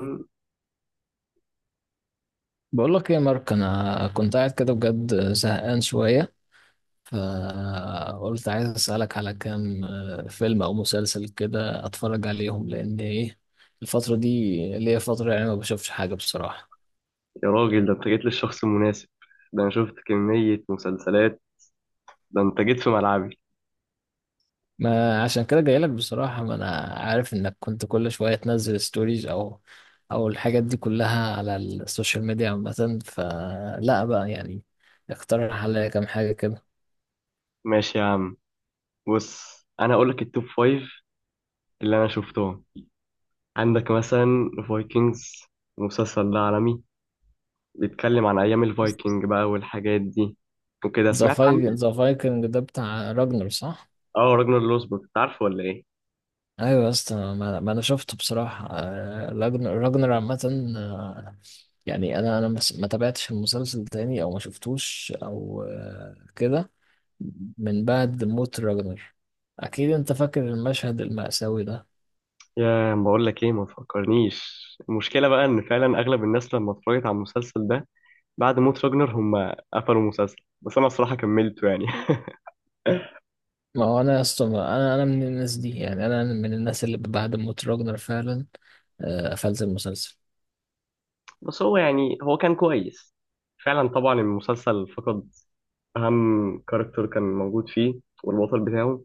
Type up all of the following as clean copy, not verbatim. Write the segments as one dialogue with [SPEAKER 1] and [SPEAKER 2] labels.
[SPEAKER 1] يا
[SPEAKER 2] بقول لك ايه يا مارك، انا كنت قاعد كده بجد زهقان شويه. فقلت عايز اسالك على كام فيلم او مسلسل كده اتفرج عليهم، لان ايه، الفتره دي ليا فتره يعني ما بشوفش حاجه بصراحه.
[SPEAKER 1] راجل، ده انت جيت للشخص المناسب. ده انا شفت كمية مسلسلات. ده انت جيت في ملعبي.
[SPEAKER 2] ما عشان كده جاي لك بصراحه. ما انا عارف انك كنت كل شويه تنزل ستوريز او الحاجات دي كلها على السوشيال ميديا عامه، فلا بقى يعني اقترح عليا كام حاجه كده.
[SPEAKER 1] ماشي يا عم. بص، انا هقول لك التوب فايف اللي انا شفتهم. عندك مثلا فايكنجز. المسلسل ده عالمي، بيتكلم عن ايام الفايكنج بقى والحاجات دي وكده
[SPEAKER 2] ذا
[SPEAKER 1] سمعت عنه.
[SPEAKER 2] فايكنج، ذا فايكنج ده بتاع راجنر صح؟
[SPEAKER 1] اه راجنر لوسبروك، انت عارفه ولا ايه؟
[SPEAKER 2] ايوه يا اسطى، ما انا شفته بصراحه. راجنر عامه، يعني انا ما تابعتش المسلسل تاني او ما شفتوش او كده من بعد موت راجنر. اكيد انت فاكر المشهد المأساوي ده.
[SPEAKER 1] يا ما بقول لك ايه، ما تفكرنيش. المشكله بقى ان فعلا اغلب الناس لما اتفرجت على المسلسل ده بعد موت راجنر هم قفلوا المسلسل، بس انا الصراحه كملته يعني.
[SPEAKER 2] ما هو انا يا اسطى، انا من الناس دي، يعني انا من الناس اللي بعد موت راجنر فعلا قفلت المسلسل.
[SPEAKER 1] بس هو كان كويس. فعلا طبعا المسلسل فقد أهم كاركتر كان موجود فيه والبطل بتاعه.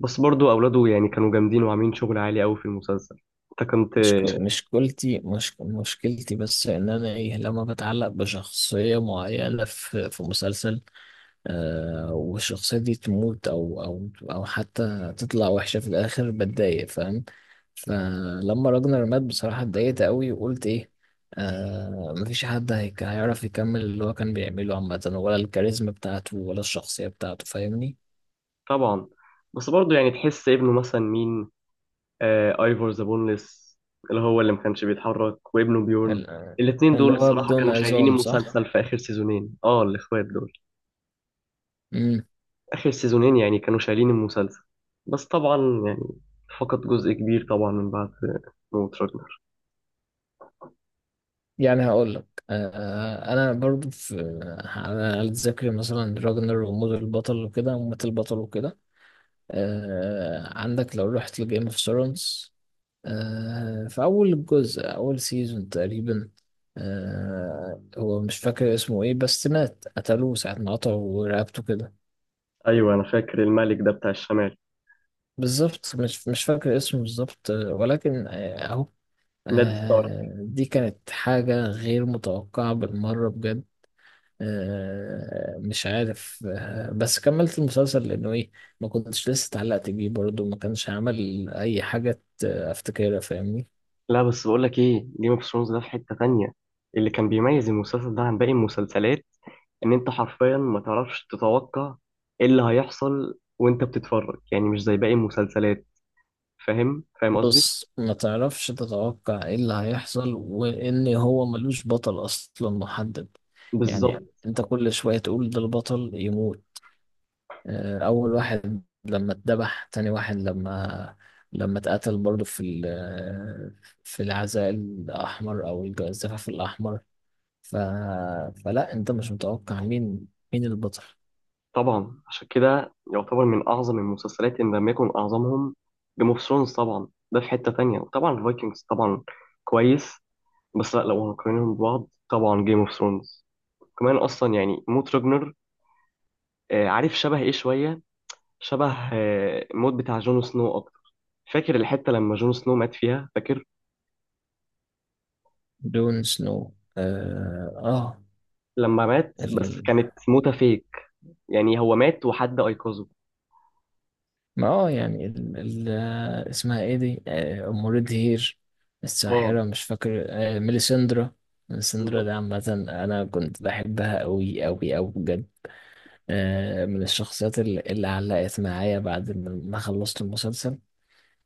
[SPEAKER 1] بس برضو أولاده يعني كانوا جامدين وعاملين شغل عالي أوي في المسلسل. أنت كنت.
[SPEAKER 2] مش مشكلتي بس ان انا ايه، لما بتعلق بشخصيه معينه في مسلسل آه، والشخصية دي تموت أو حتى تطلع وحشة في الآخر بتضايق، فاهم؟ فلما راجنر مات بصراحة اتضايقت أوي وقلت إيه، آه، مفيش حد هيك هيعرف يكمل اللي هو كان بيعمله عامة، ولا الكاريزما بتاعته، ولا الشخصية بتاعته، فاهمني؟
[SPEAKER 1] طبعا، بس برضو يعني تحس ابنه مثلا مين؟ آه ايفور ذا بونلس، اللي هو اللي ما كانش بيتحرك، وابنه بيورن.
[SPEAKER 2] ال-
[SPEAKER 1] الاتنين دول
[SPEAKER 2] اللي
[SPEAKER 1] اللي هم
[SPEAKER 2] هو
[SPEAKER 1] الصراحة
[SPEAKER 2] بدون
[SPEAKER 1] كانوا الاخوات شايلين
[SPEAKER 2] عظام
[SPEAKER 1] دول، صح؟
[SPEAKER 2] صح؟
[SPEAKER 1] المسلسل في آخر سيزونين، اه الإخوات دول
[SPEAKER 2] مم.
[SPEAKER 1] آخر سيزونين يعني كانوا شايلين المسلسل. بس طبعا يعني فقد جزء كبير طبعا من بعد موت راجنر.
[SPEAKER 2] يعني هقول لك آه، أنا برضو في، على على ذكر مثلا راجنر وموت البطل وكده، ومات البطل وكده، آه عندك لو رحت لجيم اوف ثرونز، آه في أول جزء، أول سيزون تقريبا، آه هو مش فاكر اسمه إيه، بس مات قتلوه ساعة ما قطعوا رقبته كده.
[SPEAKER 1] أيوة أنا فاكر الملك ده بتاع الشمال،
[SPEAKER 2] بالظبط، مش فاكر اسمه بالظبط ولكن أهو،
[SPEAKER 1] نed ستارك.
[SPEAKER 2] آه دي كانت حاجة غير متوقعة بالمرة بجد. آه مش عارف، آه بس كملت المسلسل لأنه إيه، ما كنتش لسه اتعلقت بيه برضه، ما كانش عمل أي حاجة أفتكرها فاهمني.
[SPEAKER 1] لا بس بقول لك إيه، جيم اوف ثرونز ده في حتة تانية. اللي كان بيميز المسلسل ده عن باقي المسلسلات إن أنت حرفيا ما تعرفش تتوقع إيه اللي هيحصل وأنت بتتفرج، يعني مش زي باقي المسلسلات. فاهم فاهم قصدي؟
[SPEAKER 2] بص، ما تعرفش تتوقع ايه اللي هيحصل، وان هو ملوش بطل اصلا محدد.
[SPEAKER 1] بالظبط.
[SPEAKER 2] يعني انت كل شوية تقول ده البطل يموت، اول واحد لما اتذبح، تاني واحد لما اتقتل برضه في العزاء الاحمر او الزفاف الاحمر، ف... فلا انت مش متوقع مين، مين البطل.
[SPEAKER 1] طبعا عشان كده يعتبر من أعظم المسلسلات إن لم يكن أعظمهم. جيم اوف ثرونز طبعا ده في حتة تانية، وطبعا الفايكنجز طبعا كويس. بس لا، لو هنقارنهم ببعض طبعا جيم اوف ثرونز كمان. أصلا يعني موت راجنر، آه عارف شبه إيه شوية؟ شبه آه، الموت بتاع جون سنو أكتر. فاكر الحتة لما جون سنو مات فيها، فاكر؟
[SPEAKER 2] جون سنو اه.
[SPEAKER 1] لما مات، بس
[SPEAKER 2] آه.
[SPEAKER 1] كانت موتة فيك. يعني هو مات وحد أيقظه.
[SPEAKER 2] ما اه، يعني ال اسمها ايه دي، ام ريدهير
[SPEAKER 1] اه
[SPEAKER 2] الساحرة، مش فاكر، ميليسندرا. ميليسندرا ده عامة انا كنت بحبها قوي بجد. من الشخصيات اللي علقت معايا بعد ما خلصت المسلسل.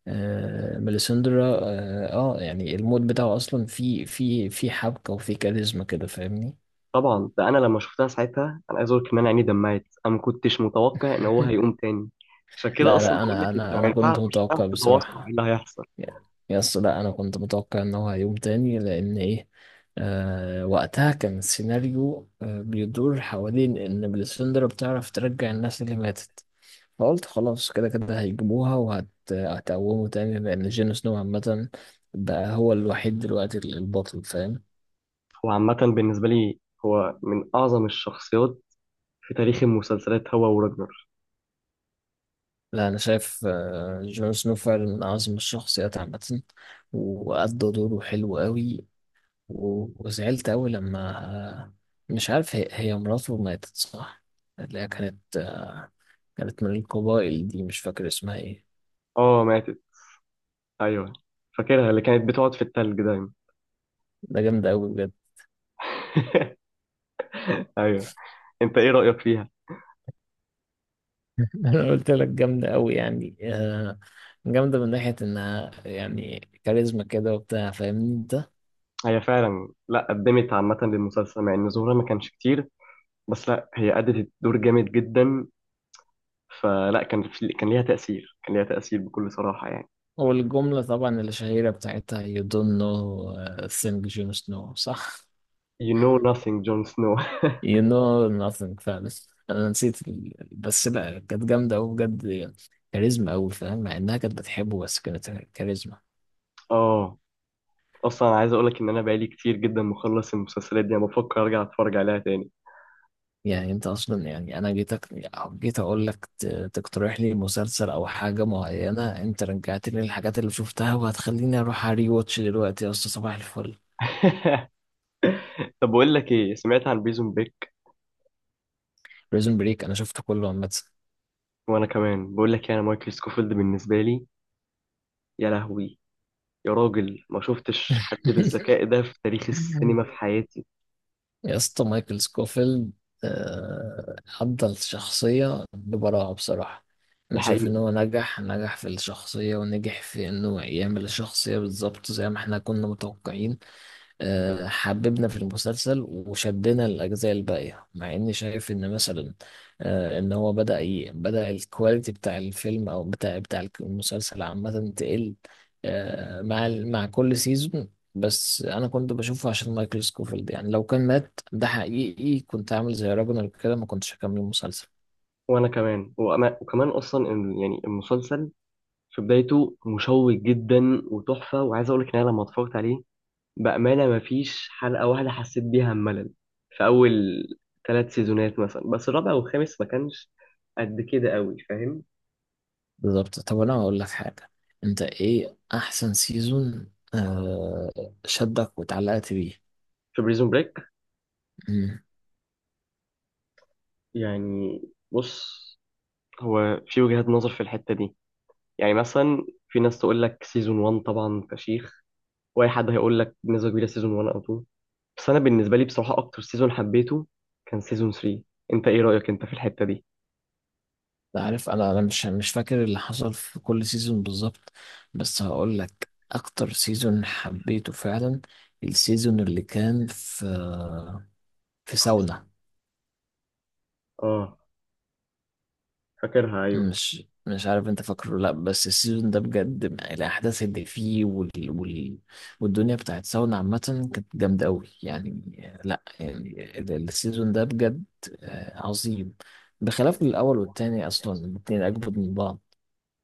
[SPEAKER 2] ميليسندرا اه، يعني المود بتاعه اصلا في حبكة وفي كاريزما كده، فاهمني؟
[SPEAKER 1] طبعا. ده انا لما شفتها ساعتها انا عايز اقول لك ان انا عيني دمعت، انا ما كنتش متوقع ان هو هيقوم تاني. عشان كده لا،
[SPEAKER 2] لا
[SPEAKER 1] اصلا
[SPEAKER 2] لا
[SPEAKER 1] بقول
[SPEAKER 2] انا
[SPEAKER 1] لك انت
[SPEAKER 2] انا
[SPEAKER 1] ما
[SPEAKER 2] انا
[SPEAKER 1] ينفعش،
[SPEAKER 2] كنت
[SPEAKER 1] مش هتعرف
[SPEAKER 2] متوقع
[SPEAKER 1] تتواصل على ايه
[SPEAKER 2] بصراحة.
[SPEAKER 1] اللي هيحصل.
[SPEAKER 2] يس، لا انا كنت متوقع ان هو هيقوم تاني لان ايه، آه وقتها كان السيناريو آه بيدور حوالين ان بليسندرا بتعرف ترجع الناس اللي ماتت. فقلت خلاص، كده كده هيجيبوها وهتقومه تاني، لان جون سنو عامة بقى هو الوحيد دلوقتي البطل، فاهم؟
[SPEAKER 1] هو عامه بالنسبه لي هو من اعظم الشخصيات في تاريخ المسلسلات، هو وراجنر.
[SPEAKER 2] لا انا شايف آه جون سنو فعلا من اعظم الشخصيات عامة، وأدى دوره حلو قوي. وزعلت أوي لما، مش عارف، هي مراته ماتت صح؟ اللي هي كانت كانت من القبائل دي، مش فاكر اسمها ايه.
[SPEAKER 1] اه ماتت. ايوه فاكرها، اللي كانت بتقعد في التلج دايما.
[SPEAKER 2] ده جامدة أوي بجد.
[SPEAKER 1] ايوه. انت ايه رايك فيها؟
[SPEAKER 2] أنا قلت لك جامدة أوي يعني، جامدة من ناحية إنها يعني كاريزما كده وبتاع، فاهمني أنت؟
[SPEAKER 1] هي فعلا، لا، قدمت عامه للمسلسل مع ان ظهورها ما كانش كتير، بس لا هي أدت الدور جامد جدا. فلا، كان ليها تأثير، كان ليها تأثير بكل صراحة يعني.
[SPEAKER 2] والجملة طبعا الشهيرة بتاعتها you don't know a thing Jon Snow صح؟
[SPEAKER 1] you know nothing جون سنو.
[SPEAKER 2] You know nothing فعلا. انا نسيت بس لا كانت جامده قوي بجد، كاريزما قوي، فاهم؟ مع انها كانت بتحبه، بس كانت كاريزما.
[SPEAKER 1] اه. اصلا أنا عايز اقولك ان انا بقالي كتير جدا مخلص المسلسلات دي، انا بفكر ارجع اتفرج عليها تاني.
[SPEAKER 2] يعني انت اصلا، يعني انا جيتك، جيت اقول لك تقترح لي مسلسل او حاجه معينه، انت رجعت لي الحاجات اللي شفتها، وهتخليني اروح اري واتش دلوقتي يا اسطى. صباح الفل.
[SPEAKER 1] طب بقول لك ايه، سمعت عن بريزون بريك؟
[SPEAKER 2] بريزون بريك انا شفته كله.
[SPEAKER 1] وانا كمان بقول لك يعني مايكل سكوفيلد بالنسبة لي، يا لهوي! يا راجل ما شفتش حد
[SPEAKER 2] عامه
[SPEAKER 1] بالذكاء ده في تاريخ السينما في حياتي.
[SPEAKER 2] يا اسطى مايكل سكوفيلد، آه، أدى الشخصية ببراعة بصراحة.
[SPEAKER 1] ده
[SPEAKER 2] أنا شايف
[SPEAKER 1] حقيقي.
[SPEAKER 2] إن هو نجح في الشخصية، ونجح في إنه يعمل الشخصية بالظبط زي ما إحنا كنا متوقعين. حببنا في المسلسل، وشدنا الأجزاء الباقية، مع إني شايف إن مثلا إن هو بدأ الكواليتي بتاع الفيلم أو بتاع المسلسل عامة تقل مع مع كل سيزون. بس أنا كنت بشوفه عشان مايكل سكوفيلد، يعني لو كان مات ده حقيقي كنت عامل زي راجنر كده، ما كنتش هكمل المسلسل.
[SPEAKER 1] وانا كمان، وأنا وكمان اصلا يعني المسلسل في بدايته مشوق جدا وتحفة. وعايز اقول لك ان انا لما اتفرجت عليه بأمانة مفيش حلقة واحدة حسيت بيها ملل، في أول 3 سيزونات مثلا. بس الرابع والخامس ما كانش قد كده قوي، فاهم؟
[SPEAKER 2] بالظبط. طب أنا هقول لك حاجة، أنت إيه أحسن سيزون شدك واتعلقت بيه؟
[SPEAKER 1] في بريزون بريك يعني، بص، هو في وجهات نظر في الحتة دي. يعني مثلا في ناس تقول لك سيزون 1 طبعا فشيخ، واي حد هيقول لك بنسبة كبيرة سيزون 1 أو 2. بس أنا بالنسبة لي بصراحة أكتر سيزون حبيته كان سيزون 3. أنت إيه رأيك أنت في الحتة دي؟
[SPEAKER 2] أنت عارف، انا مش فاكر اللي حصل في كل سيزون بالظبط، بس هقول لك اكتر سيزون حبيته فعلا، السيزون اللي كان في، في ساونا.
[SPEAKER 1] آه فاكرها، أيوه.
[SPEAKER 2] مش عارف انت فاكره ولا لا، بس السيزون ده بجد الاحداث اللي فيه والدنيا بتاعت ساونا عامه كانت جامده قوي يعني. لا يعني السيزون ده بجد عظيم، بخلاف الاول والتاني اصلا، الاتنين اجمد من بعض.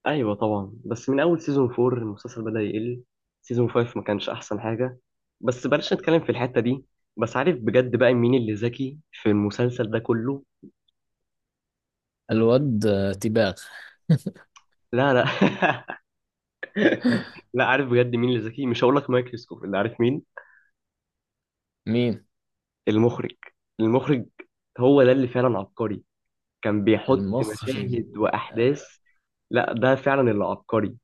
[SPEAKER 1] ايوه طبعا، بس من اول سيزون 4 المسلسل بدأ يقل. سيزون 5 ما كانش احسن حاجه، بس بلاش نتكلم في الحته دي. بس عارف بجد بقى مين اللي ذكي في المسلسل ده كله؟
[SPEAKER 2] الواد تيباغ.
[SPEAKER 1] لا لا. لا عارف بجد مين اللي ذكي، مش هقول لك مايكل سكوف، اللي عارف مين؟
[SPEAKER 2] مين؟
[SPEAKER 1] المخرج. المخرج هو ده اللي فعلا عبقري. كان بيحط
[SPEAKER 2] المخرج.
[SPEAKER 1] مشاهد واحداث. لا ده فعلا اللي عبقري.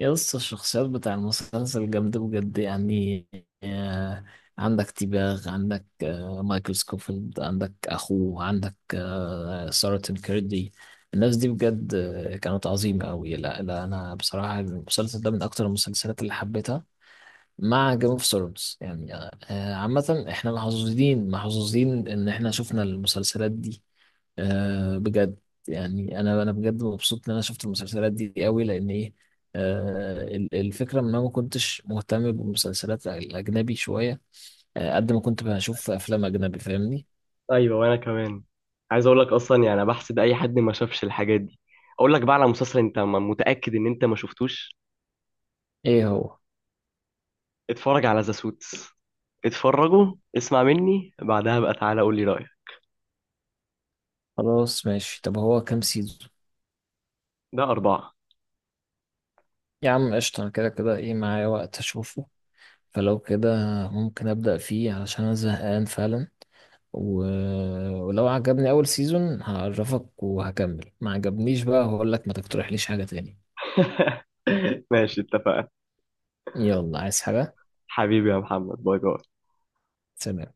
[SPEAKER 2] يا اسطى، الشخصيات بتاع المسلسل جامدة بجد يعني، آه، عندك تيباغ، عندك مايكل سكوفيلد، عندك أخوه، عندك سارة كيردي. الناس دي بجد كانت عظيمة أوي. لا أنا بصراحة المسلسل ده من أكتر المسلسلات اللي حبيتها مع جيم اوف ثرونز يعني. عامة احنا محظوظين، محظوظين ان احنا شفنا المسلسلات دي بجد. يعني انا بجد مبسوط ان انا شفت المسلسلات دي قوي، لان ايه، الفكرة ان انا ما كنتش مهتم بالمسلسلات الاجنبي شوية، قد ما كنت بشوف افلام اجنبي، فاهمني؟
[SPEAKER 1] ايوه وانا كمان. عايز اقول لك اصلا يعني أنا بحسد اي حد ما شافش الحاجات دي. اقول لك بقى على مسلسل انت متاكد ان انت ما شفتوش.
[SPEAKER 2] ايه هو؟
[SPEAKER 1] اتفرج على ذا سوتس، اتفرجوا اسمع مني بعدها بقى تعالى قول لي رايك.
[SPEAKER 2] خلاص ماشي، طب هو كام سيزون؟
[SPEAKER 1] ده 4.
[SPEAKER 2] يا عم قشطة، انا كده كده ايه معايا وقت اشوفه، فلو كده ممكن ابدأ فيه علشان انا زهقان فعلا. و... ولو عجبني اول سيزون هعرفك وهكمل، ما عجبنيش بقى هقول لك ما تقترحليش حاجة تاني.
[SPEAKER 1] ماشي اتفقنا.
[SPEAKER 2] يلا، عايز حاجة؟
[SPEAKER 1] حبيبي يا محمد، باي باي.
[SPEAKER 2] سلام.